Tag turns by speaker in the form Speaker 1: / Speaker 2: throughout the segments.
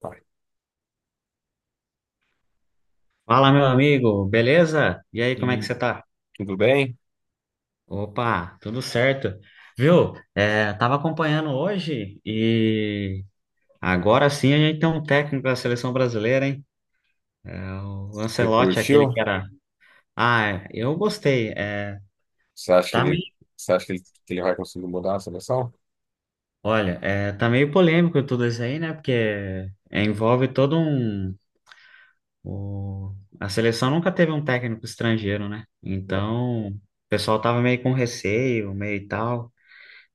Speaker 1: Tá.
Speaker 2: Fala, meu amigo, beleza? E aí,
Speaker 1: E
Speaker 2: como é que
Speaker 1: aí,
Speaker 2: você tá?
Speaker 1: tudo bem?
Speaker 2: Opa, tudo certo. Viu? É, tava acompanhando hoje e agora sim a gente tem um técnico da seleção brasileira, hein? É, o
Speaker 1: Você
Speaker 2: Ancelotti, aquele que
Speaker 1: curtiu?
Speaker 2: era. Ah, é, eu gostei. É,
Speaker 1: Você acha que
Speaker 2: tá meio.
Speaker 1: ele, você acha que ele vai conseguir mudar a seleção?
Speaker 2: Olha, é, tá meio polêmico tudo isso aí, né? Porque é, envolve todo um. o- A seleção nunca teve um técnico estrangeiro, né?
Speaker 1: É.
Speaker 2: Então, o pessoal tava meio com receio, meio e tal.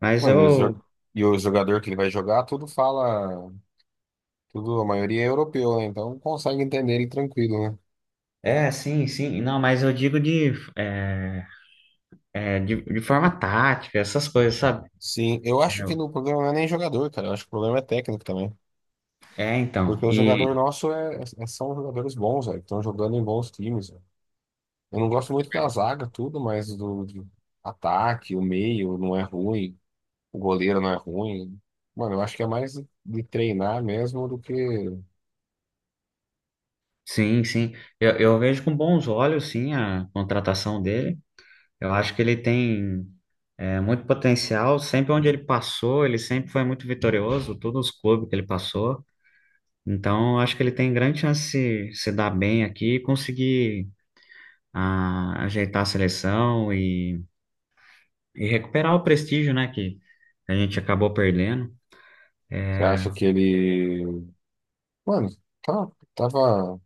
Speaker 2: Mas
Speaker 1: Mano, e, os
Speaker 2: eu.
Speaker 1: jo- e o jogador que ele vai jogar, tudo fala, tudo, a maioria é europeu, né? Então consegue entender ele tranquilo, né?
Speaker 2: É, sim, sim. Não, mas eu digo de, é, é, de forma tática, essas coisas, sabe?
Speaker 1: Sim, eu acho que no problema não é nem jogador, cara. Eu acho que o problema é técnico também.
Speaker 2: É, então.
Speaker 1: Porque o jogador
Speaker 2: E
Speaker 1: nosso são jogadores bons, velho, que estão jogando em bons times, velho. Eu não gosto muito da zaga, tudo, mas do ataque, o meio não é ruim. O goleiro não é ruim. Mano, eu acho que é mais de treinar mesmo do que
Speaker 2: sim, sim. Eu vejo com bons olhos, sim, a contratação dele. Eu acho que ele tem muito potencial. Sempre onde ele passou, ele sempre foi muito vitorioso, todos os clubes que ele passou. Então, eu acho que ele tem grande chance de se dar bem aqui e conseguir ajeitar a seleção e, recuperar o prestígio, né, que a gente acabou perdendo.
Speaker 1: você acha que ele. Mano, tá, tava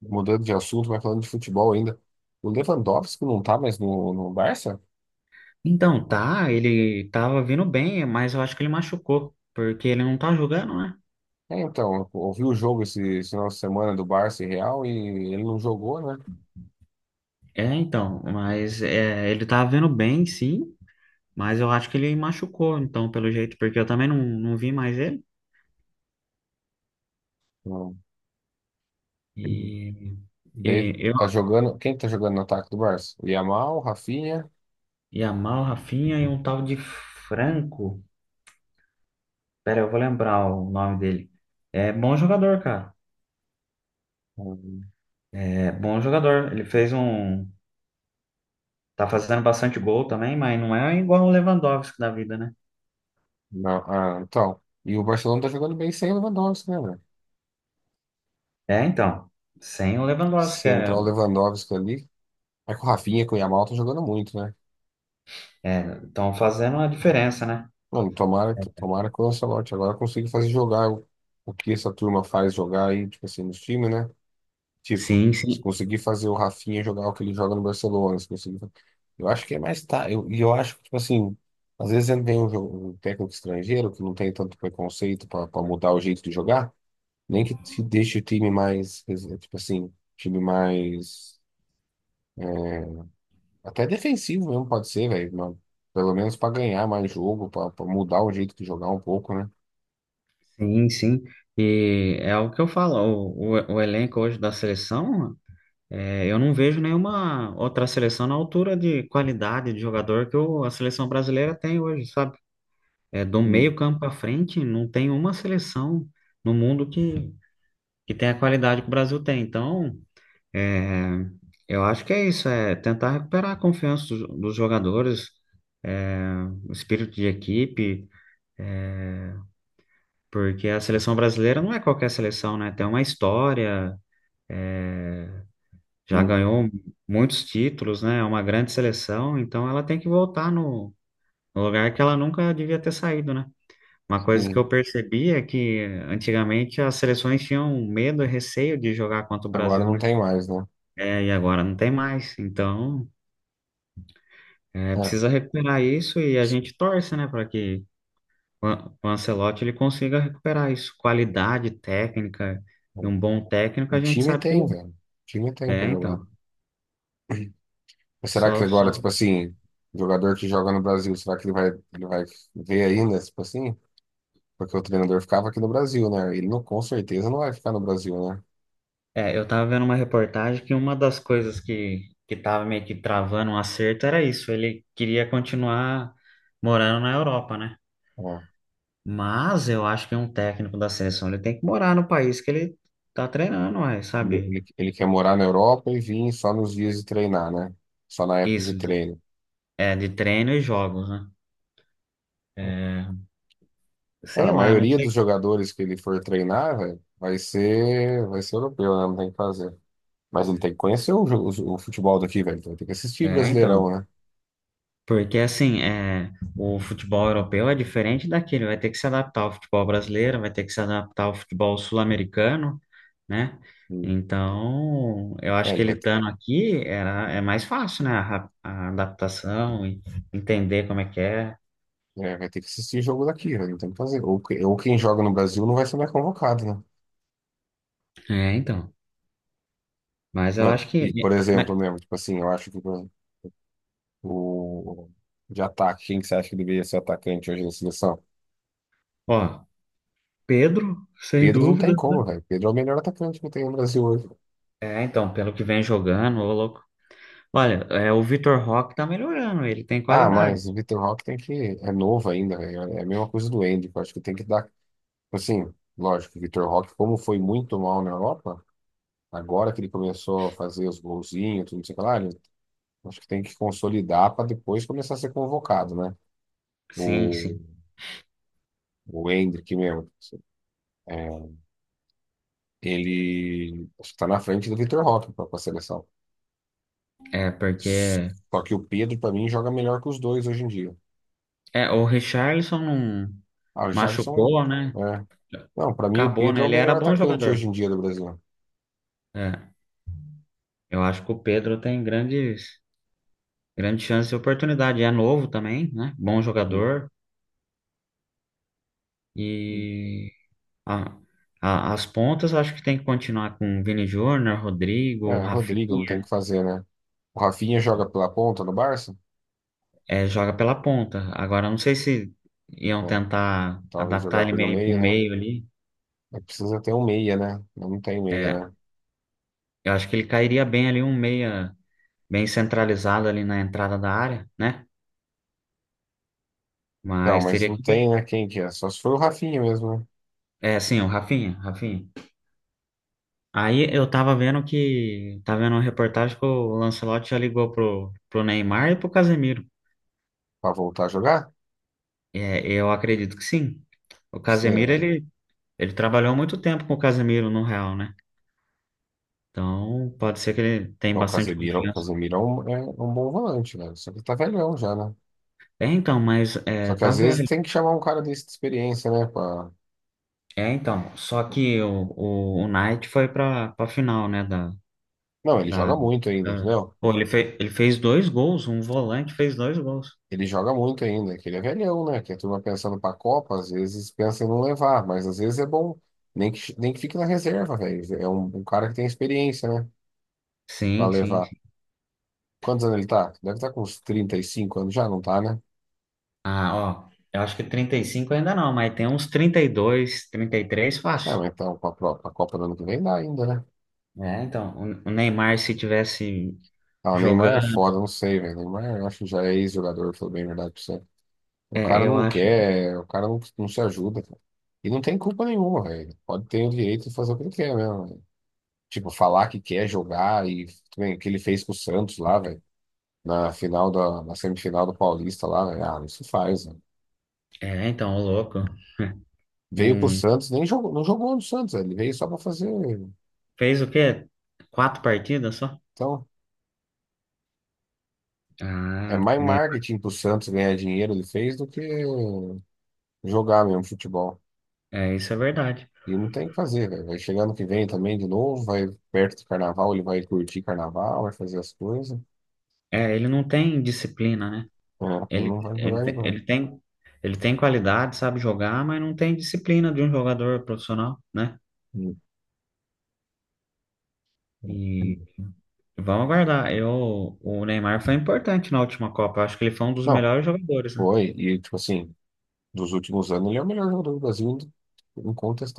Speaker 1: mudando de assunto, mas falando de futebol ainda. O Lewandowski não tá mais no Barça?
Speaker 2: Então, tá, ele tava vindo bem, mas eu acho que ele machucou, porque ele não tá jogando, né?
Speaker 1: É, então, eu ouvi o jogo esse final de semana do Barça e Real e ele não jogou, né?
Speaker 2: É, então, mas é, ele tava vindo bem, sim, mas eu acho que ele machucou, então, pelo jeito, porque eu também não vi mais ele.
Speaker 1: Não.
Speaker 2: E, e
Speaker 1: Daí
Speaker 2: eu,
Speaker 1: tá jogando. Quem tá jogando no ataque do Barça? O Yamal, o Rafinha.
Speaker 2: Yamal, Rafinha e um tal de Franco, pera, eu vou lembrar o nome dele. É bom jogador, cara,
Speaker 1: Hum.
Speaker 2: é bom jogador. Ele fez um, tá fazendo bastante gol também, mas não é igual o Lewandowski da vida, né?
Speaker 1: Não, ah, então. E o Barcelona tá jogando bem sem o Lewandowski, né?
Speaker 2: É, então, sem o Lewandowski,
Speaker 1: Se entrar o Lewandowski ali. É que o Rafinha com o Yamal tá jogando muito, né?
Speaker 2: estão fazendo a diferença, né?
Speaker 1: Mano, tomara que o Ancelotti agora consiga fazer jogar o que essa turma faz jogar aí, tipo assim, nos times, né? Tipo,
Speaker 2: Sim,
Speaker 1: se
Speaker 2: sim,
Speaker 1: conseguir fazer o Rafinha jogar o que ele joga no Barcelona, se conseguir. Fa- Eu acho que é mais tá. Eu acho que, tipo assim, às vezes vem um técnico estrangeiro que não tem tanto preconceito pra mudar o jeito de jogar, nem que te deixe o time mais, tipo assim, time mais. é, Até defensivo mesmo pode ser, velho, mas pelo menos pra ganhar mais jogo, pra mudar o jeito de jogar um pouco, né?
Speaker 2: sim, sim. E é o que eu falo, o elenco hoje da seleção, é, eu não vejo nenhuma outra seleção na altura de qualidade de jogador que a seleção brasileira tem hoje, sabe? É, do
Speaker 1: Hum,
Speaker 2: meio campo para frente, não tem uma seleção no mundo que, tem a qualidade que o Brasil tem. Então, é, eu acho que é isso, é tentar recuperar a confiança dos jogadores, é, o espírito de equipe. Porque a seleção brasileira não é qualquer seleção, né? Tem uma história, já
Speaker 1: hum,
Speaker 2: ganhou muitos títulos, né? É uma grande seleção, então ela tem que voltar no no lugar que ela nunca devia ter saído, né? Uma coisa que eu
Speaker 1: sim.
Speaker 2: percebi é que antigamente as seleções tinham medo e receio de jogar contra o
Speaker 1: Agora
Speaker 2: Brasil,
Speaker 1: não
Speaker 2: né?
Speaker 1: tem mais, né?
Speaker 2: É, e agora não tem mais. Então, é,
Speaker 1: É.
Speaker 2: precisa recuperar isso e a gente torce, né, para que o Ancelotti ele consiga recuperar isso. Qualidade técnica e
Speaker 1: É.
Speaker 2: um bom técnico, a
Speaker 1: E
Speaker 2: gente
Speaker 1: time
Speaker 2: sabe que ele
Speaker 1: tem, velho. Time tem pra
Speaker 2: é,
Speaker 1: jogar.
Speaker 2: então.
Speaker 1: Mas será que
Speaker 2: Só,
Speaker 1: agora,
Speaker 2: só.
Speaker 1: tipo assim, o jogador que joga no Brasil, será que ele vai ver ainda, tipo assim? Porque o treinador ficava aqui no Brasil, né? Ele não, com certeza não vai ficar no Brasil, né?
Speaker 2: É, eu tava vendo uma reportagem que uma das coisas que, tava meio que travando um acerto era isso. Ele queria continuar morando na Europa, né?
Speaker 1: É.
Speaker 2: Mas eu acho que um técnico da seleção ele tem que morar no país que ele tá treinando, ué,
Speaker 1: Ele,
Speaker 2: sabe?
Speaker 1: ele, ele quer morar na Europa e vir só nos dias de treinar, né? Só na época de
Speaker 2: Isso, de.
Speaker 1: treino.
Speaker 2: É, de treino e jogos, né? É,
Speaker 1: Ah,
Speaker 2: sei
Speaker 1: a
Speaker 2: lá, não
Speaker 1: maioria
Speaker 2: sei.
Speaker 1: dos jogadores que ele for treinar, velho, vai ser europeu, né? Não tem o que fazer. Mas ele tem que conhecer o, jo- o futebol daqui, velho. Então, ele tem que assistir
Speaker 2: É,
Speaker 1: Brasileirão,
Speaker 2: então.
Speaker 1: né?
Speaker 2: Porque assim, é, o futebol europeu é diferente daquele, vai ter que se adaptar ao futebol brasileiro, vai ter que se adaptar ao futebol sul-americano. Né?
Speaker 1: Hum.
Speaker 2: Então, eu acho
Speaker 1: É,
Speaker 2: que
Speaker 1: ele
Speaker 2: ele
Speaker 1: vai, ter-
Speaker 2: estando aqui era, é mais fácil, né? A, a adaptação e entender como é que é.
Speaker 1: é, vai ter que assistir jogo daqui, velho. Não tem o que fazer. Ou quem joga no Brasil não vai ser mais convocado, né?
Speaker 2: É, então. Mas eu
Speaker 1: Mano,
Speaker 2: acho
Speaker 1: e, por
Speaker 2: que,
Speaker 1: exemplo,
Speaker 2: mas,
Speaker 1: mesmo, tipo assim, eu acho que o- de ataque, quem que você acha que deveria ser atacante hoje na seleção?
Speaker 2: ó, Pedro, sem
Speaker 1: Pedro não
Speaker 2: dúvida,
Speaker 1: tem
Speaker 2: né?
Speaker 1: como, velho. Pedro é o melhor atacante que tem no Brasil hoje.
Speaker 2: É, então, pelo que vem jogando, ô louco. Olha, é, o Vitor Roque tá melhorando, ele tem
Speaker 1: Ah,
Speaker 2: qualidade.
Speaker 1: mas o Vitor Roque tem que. É novo ainda, velho. É a mesma coisa do Endrick. Eu acho que tem que dar. Assim, lógico, o Vitor Roque, como foi muito mal na Europa, agora que ele começou a fazer os golzinhos, tudo não sei o que lá, acho que tem que consolidar para depois começar a ser convocado, né?
Speaker 2: Sim,
Speaker 1: O,
Speaker 2: sim.
Speaker 1: o Endrick mesmo. É, ele está na frente do Vitor Roque para a seleção.
Speaker 2: É, porque
Speaker 1: Só que o Pedro, para mim, joga melhor que os dois hoje em dia.
Speaker 2: é, o Richarlison não
Speaker 1: Ah, o Richarlison.
Speaker 2: machucou, né?
Speaker 1: É. Não, para mim, o
Speaker 2: Acabou,
Speaker 1: Pedro
Speaker 2: né?
Speaker 1: é o
Speaker 2: Ele era
Speaker 1: melhor
Speaker 2: bom
Speaker 1: atacante hoje
Speaker 2: jogador.
Speaker 1: em dia do Brasil.
Speaker 2: É, eu acho que o Pedro tem grandes. Grande chance e oportunidade. É novo também, né? Bom jogador. E a- as pontas, eu acho que tem que continuar com Vini Júnior, Rodrigo,
Speaker 1: É, Rodrigo, não tem o
Speaker 2: Rafinha.
Speaker 1: que fazer, né? O Rafinha joga pela ponta no Barça?
Speaker 2: É, joga pela ponta. Agora, eu não sei se iam
Speaker 1: Bom,
Speaker 2: tentar
Speaker 1: talvez
Speaker 2: adaptar
Speaker 1: jogar
Speaker 2: ele
Speaker 1: pelo
Speaker 2: meio pro
Speaker 1: meio, né?
Speaker 2: meio ali.
Speaker 1: Mas precisa ter um meia, né? Não tem meia,
Speaker 2: É,
Speaker 1: né?
Speaker 2: eu acho que ele cairia bem ali, um meia bem centralizado ali na entrada da área, né?
Speaker 1: Então,
Speaker 2: Mas
Speaker 1: mas
Speaker 2: teria
Speaker 1: não
Speaker 2: que ver.
Speaker 1: tem, né? Quem que é? Só se for o Rafinha mesmo, né?
Speaker 2: É, sim, o Rafinha, Rafinha. Aí eu tava vendo que. Tava vendo uma reportagem que o Lancelotti já ligou pro Neymar e pro Casemiro.
Speaker 1: Pra voltar a jogar?
Speaker 2: É, eu acredito que sim. O Casemiro,
Speaker 1: Será?
Speaker 2: ele trabalhou muito tempo com o Casemiro no Real, né? Então, pode ser que ele tenha
Speaker 1: O
Speaker 2: bastante
Speaker 1: Casemiro, o
Speaker 2: confiança.
Speaker 1: Casemiro é um é um bom volante, né? Só que ele tá velhão já, né?
Speaker 2: É, então, mas
Speaker 1: Só
Speaker 2: é,
Speaker 1: que
Speaker 2: tá
Speaker 1: às vezes
Speaker 2: velho.
Speaker 1: tem que chamar um cara desse de experiência, né? Pra...
Speaker 2: É, então, só que o Knight foi pra final, né? Da,
Speaker 1: Não, ele
Speaker 2: da,
Speaker 1: joga muito ainda,
Speaker 2: da.
Speaker 1: entendeu?
Speaker 2: Pô, ele fez dois gols, um volante fez dois gols.
Speaker 1: Ele joga muito ainda, que ele é velhão, né? Que a turma pensando pra Copa, às vezes pensa em não levar, mas às vezes é bom. Nem que fique na reserva, velho. É um cara que tem experiência, né? Pra
Speaker 2: Sim, sim.
Speaker 1: levar. Quantos anos ele tá? Deve estar com uns 35 anos já, não tá, né?
Speaker 2: Ah, ó, eu acho que 35 ainda não, mas tem uns 30 32 33
Speaker 1: É,
Speaker 2: fácil.
Speaker 1: mas então, pra Copa do ano que vem dá ainda, né?
Speaker 2: É, então, o Neymar se tivesse
Speaker 1: Ah, o Neymar
Speaker 2: jogando,
Speaker 1: é foda, não sei, velho. O Neymar, eu acho que já é ex-jogador, falou bem a verdade pra você. O
Speaker 2: é,
Speaker 1: cara
Speaker 2: eu
Speaker 1: não
Speaker 2: acho.
Speaker 1: quer, o cara não se ajuda, cara. E não tem culpa nenhuma, velho. Pode ter o direito de fazer o que ele quer mesmo. Tipo, falar que quer jogar e também o que ele fez com o Santos lá, velho, na semifinal do Paulista lá, velho. Ah, isso faz, velho.
Speaker 2: É, então, o louco.
Speaker 1: Veio pro
Speaker 2: Não
Speaker 1: Santos, nem jogou, não jogou no Santos, velho. Ele veio só pra fazer.
Speaker 2: fez o quê? Quatro partidas só?
Speaker 1: Então, é
Speaker 2: Ah, o
Speaker 1: mais
Speaker 2: Neymar,
Speaker 1: marketing pro Santos ganhar dinheiro ele fez do que jogar mesmo futebol.
Speaker 2: é, isso é verdade.
Speaker 1: E não tem o que fazer, velho. Vai chegar ano que vem também de novo, vai perto do carnaval, ele vai curtir carnaval, vai fazer as coisas.
Speaker 2: É, ele não tem disciplina, né?
Speaker 1: É, e
Speaker 2: Ele,
Speaker 1: não vai
Speaker 2: ele,
Speaker 1: jogar de
Speaker 2: tem- ele
Speaker 1: novo.
Speaker 2: tem, ele tem qualidade, sabe jogar, mas não tem disciplina de um jogador profissional, né?
Speaker 1: Hum, hum,
Speaker 2: E
Speaker 1: hum.
Speaker 2: Vamos aguardar. Eu, o Neymar foi importante na última Copa. Acho que ele foi um dos
Speaker 1: Não,
Speaker 2: melhores jogadores, né?
Speaker 1: foi. E, tipo assim, dos últimos anos, ele é o melhor jogador do Brasil,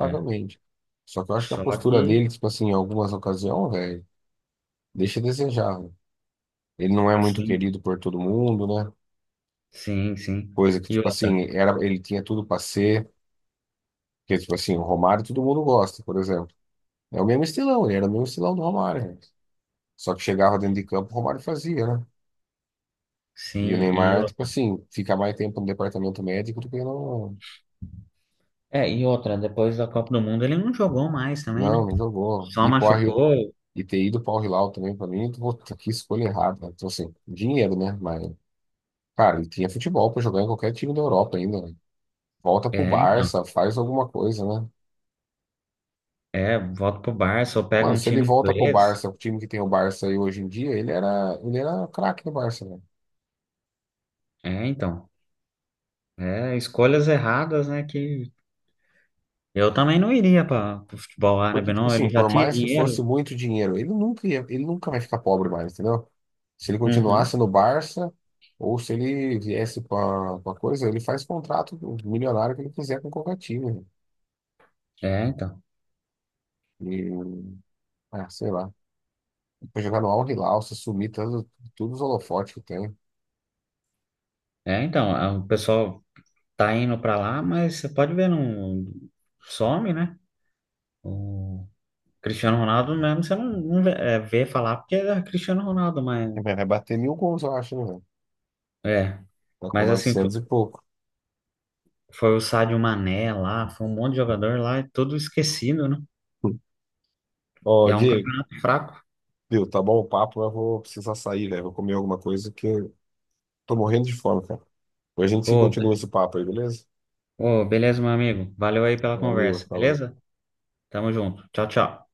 Speaker 2: É.
Speaker 1: Só que eu acho que a
Speaker 2: Só
Speaker 1: postura
Speaker 2: que,
Speaker 1: dele, tipo assim, em algumas ocasiões, velho, deixa a desejar, velho. Ele não é muito
Speaker 2: sim,
Speaker 1: querido por todo mundo, né?
Speaker 2: sim, sim.
Speaker 1: Coisa que,
Speaker 2: E
Speaker 1: tipo
Speaker 2: outra,
Speaker 1: assim, era, ele tinha tudo pra ser, que, tipo assim, o Romário todo mundo gosta, por exemplo. É o mesmo estilão, ele era o mesmo estilão do Romário, velho. Só que chegava dentro de campo, o Romário fazia, né? E o
Speaker 2: sim, e
Speaker 1: Neymar, tipo
Speaker 2: outra.
Speaker 1: assim, fica mais tempo no departamento médico do que no.
Speaker 2: É, e outra, depois da Copa do Mundo ele não jogou mais também, né?
Speaker 1: Não, não jogou.
Speaker 2: Só
Speaker 1: E, porra,
Speaker 2: machucou.
Speaker 1: e ter ido para o Hilal também, para mim, puta, que escolha errada, né? Então, assim, dinheiro, né? Mas, cara, ele tinha futebol para jogar em qualquer time da Europa ainda, né? Volta pro
Speaker 2: É, então.
Speaker 1: Barça, faz alguma coisa, né?
Speaker 2: É, volta pro Barça ou pega
Speaker 1: Mano,
Speaker 2: um
Speaker 1: se ele
Speaker 2: time
Speaker 1: volta pro
Speaker 2: inglês.
Speaker 1: Barça, o time que tem o Barça aí hoje em dia, ele era craque no Barça, né?
Speaker 2: É, então. É, escolhas erradas, né? Que eu também não iria para o futebol
Speaker 1: Porque,
Speaker 2: árabe,
Speaker 1: tipo
Speaker 2: não.
Speaker 1: assim,
Speaker 2: Ele já
Speaker 1: por
Speaker 2: tinha
Speaker 1: mais que
Speaker 2: dinheiro.
Speaker 1: fosse muito dinheiro, ele nunca vai ficar pobre mais, entendeu? Se ele
Speaker 2: Uhum.
Speaker 1: continuasse no Barça, ou se ele viesse para coisa, ele faz contrato milionário que ele quiser com qualquer time, né?
Speaker 2: É, então.
Speaker 1: E, ah, sei lá. Foi jogar no Al Hilal, se sumir, todos os holofotes que tem.
Speaker 2: É, então, o pessoal tá indo pra lá, mas você pode ver, não some, né? O Cristiano Ronaldo mesmo, você não vê, vê falar porque é Cristiano Ronaldo, mas
Speaker 1: Vai bater 1.000 gols, eu acho, né, velho?
Speaker 2: é.
Speaker 1: Tá com
Speaker 2: Mas assim,
Speaker 1: 900 e pouco.
Speaker 2: foi o Sadio Mané lá, foi um monte de jogador lá, e tudo esquecido, né? E
Speaker 1: Ó,
Speaker 2: é um
Speaker 1: Diego,
Speaker 2: campeonato fraco.
Speaker 1: viu, tá bom o papo, mas eu vou precisar sair, velho. Vou comer alguma coisa que eu tô morrendo de fome, cara. Depois a gente
Speaker 2: Ô,
Speaker 1: continua
Speaker 2: be-
Speaker 1: esse papo aí, beleza?
Speaker 2: Beleza, meu amigo. Valeu aí pela
Speaker 1: Valeu,
Speaker 2: conversa,
Speaker 1: falou.
Speaker 2: beleza? Tamo junto. Tchau, tchau.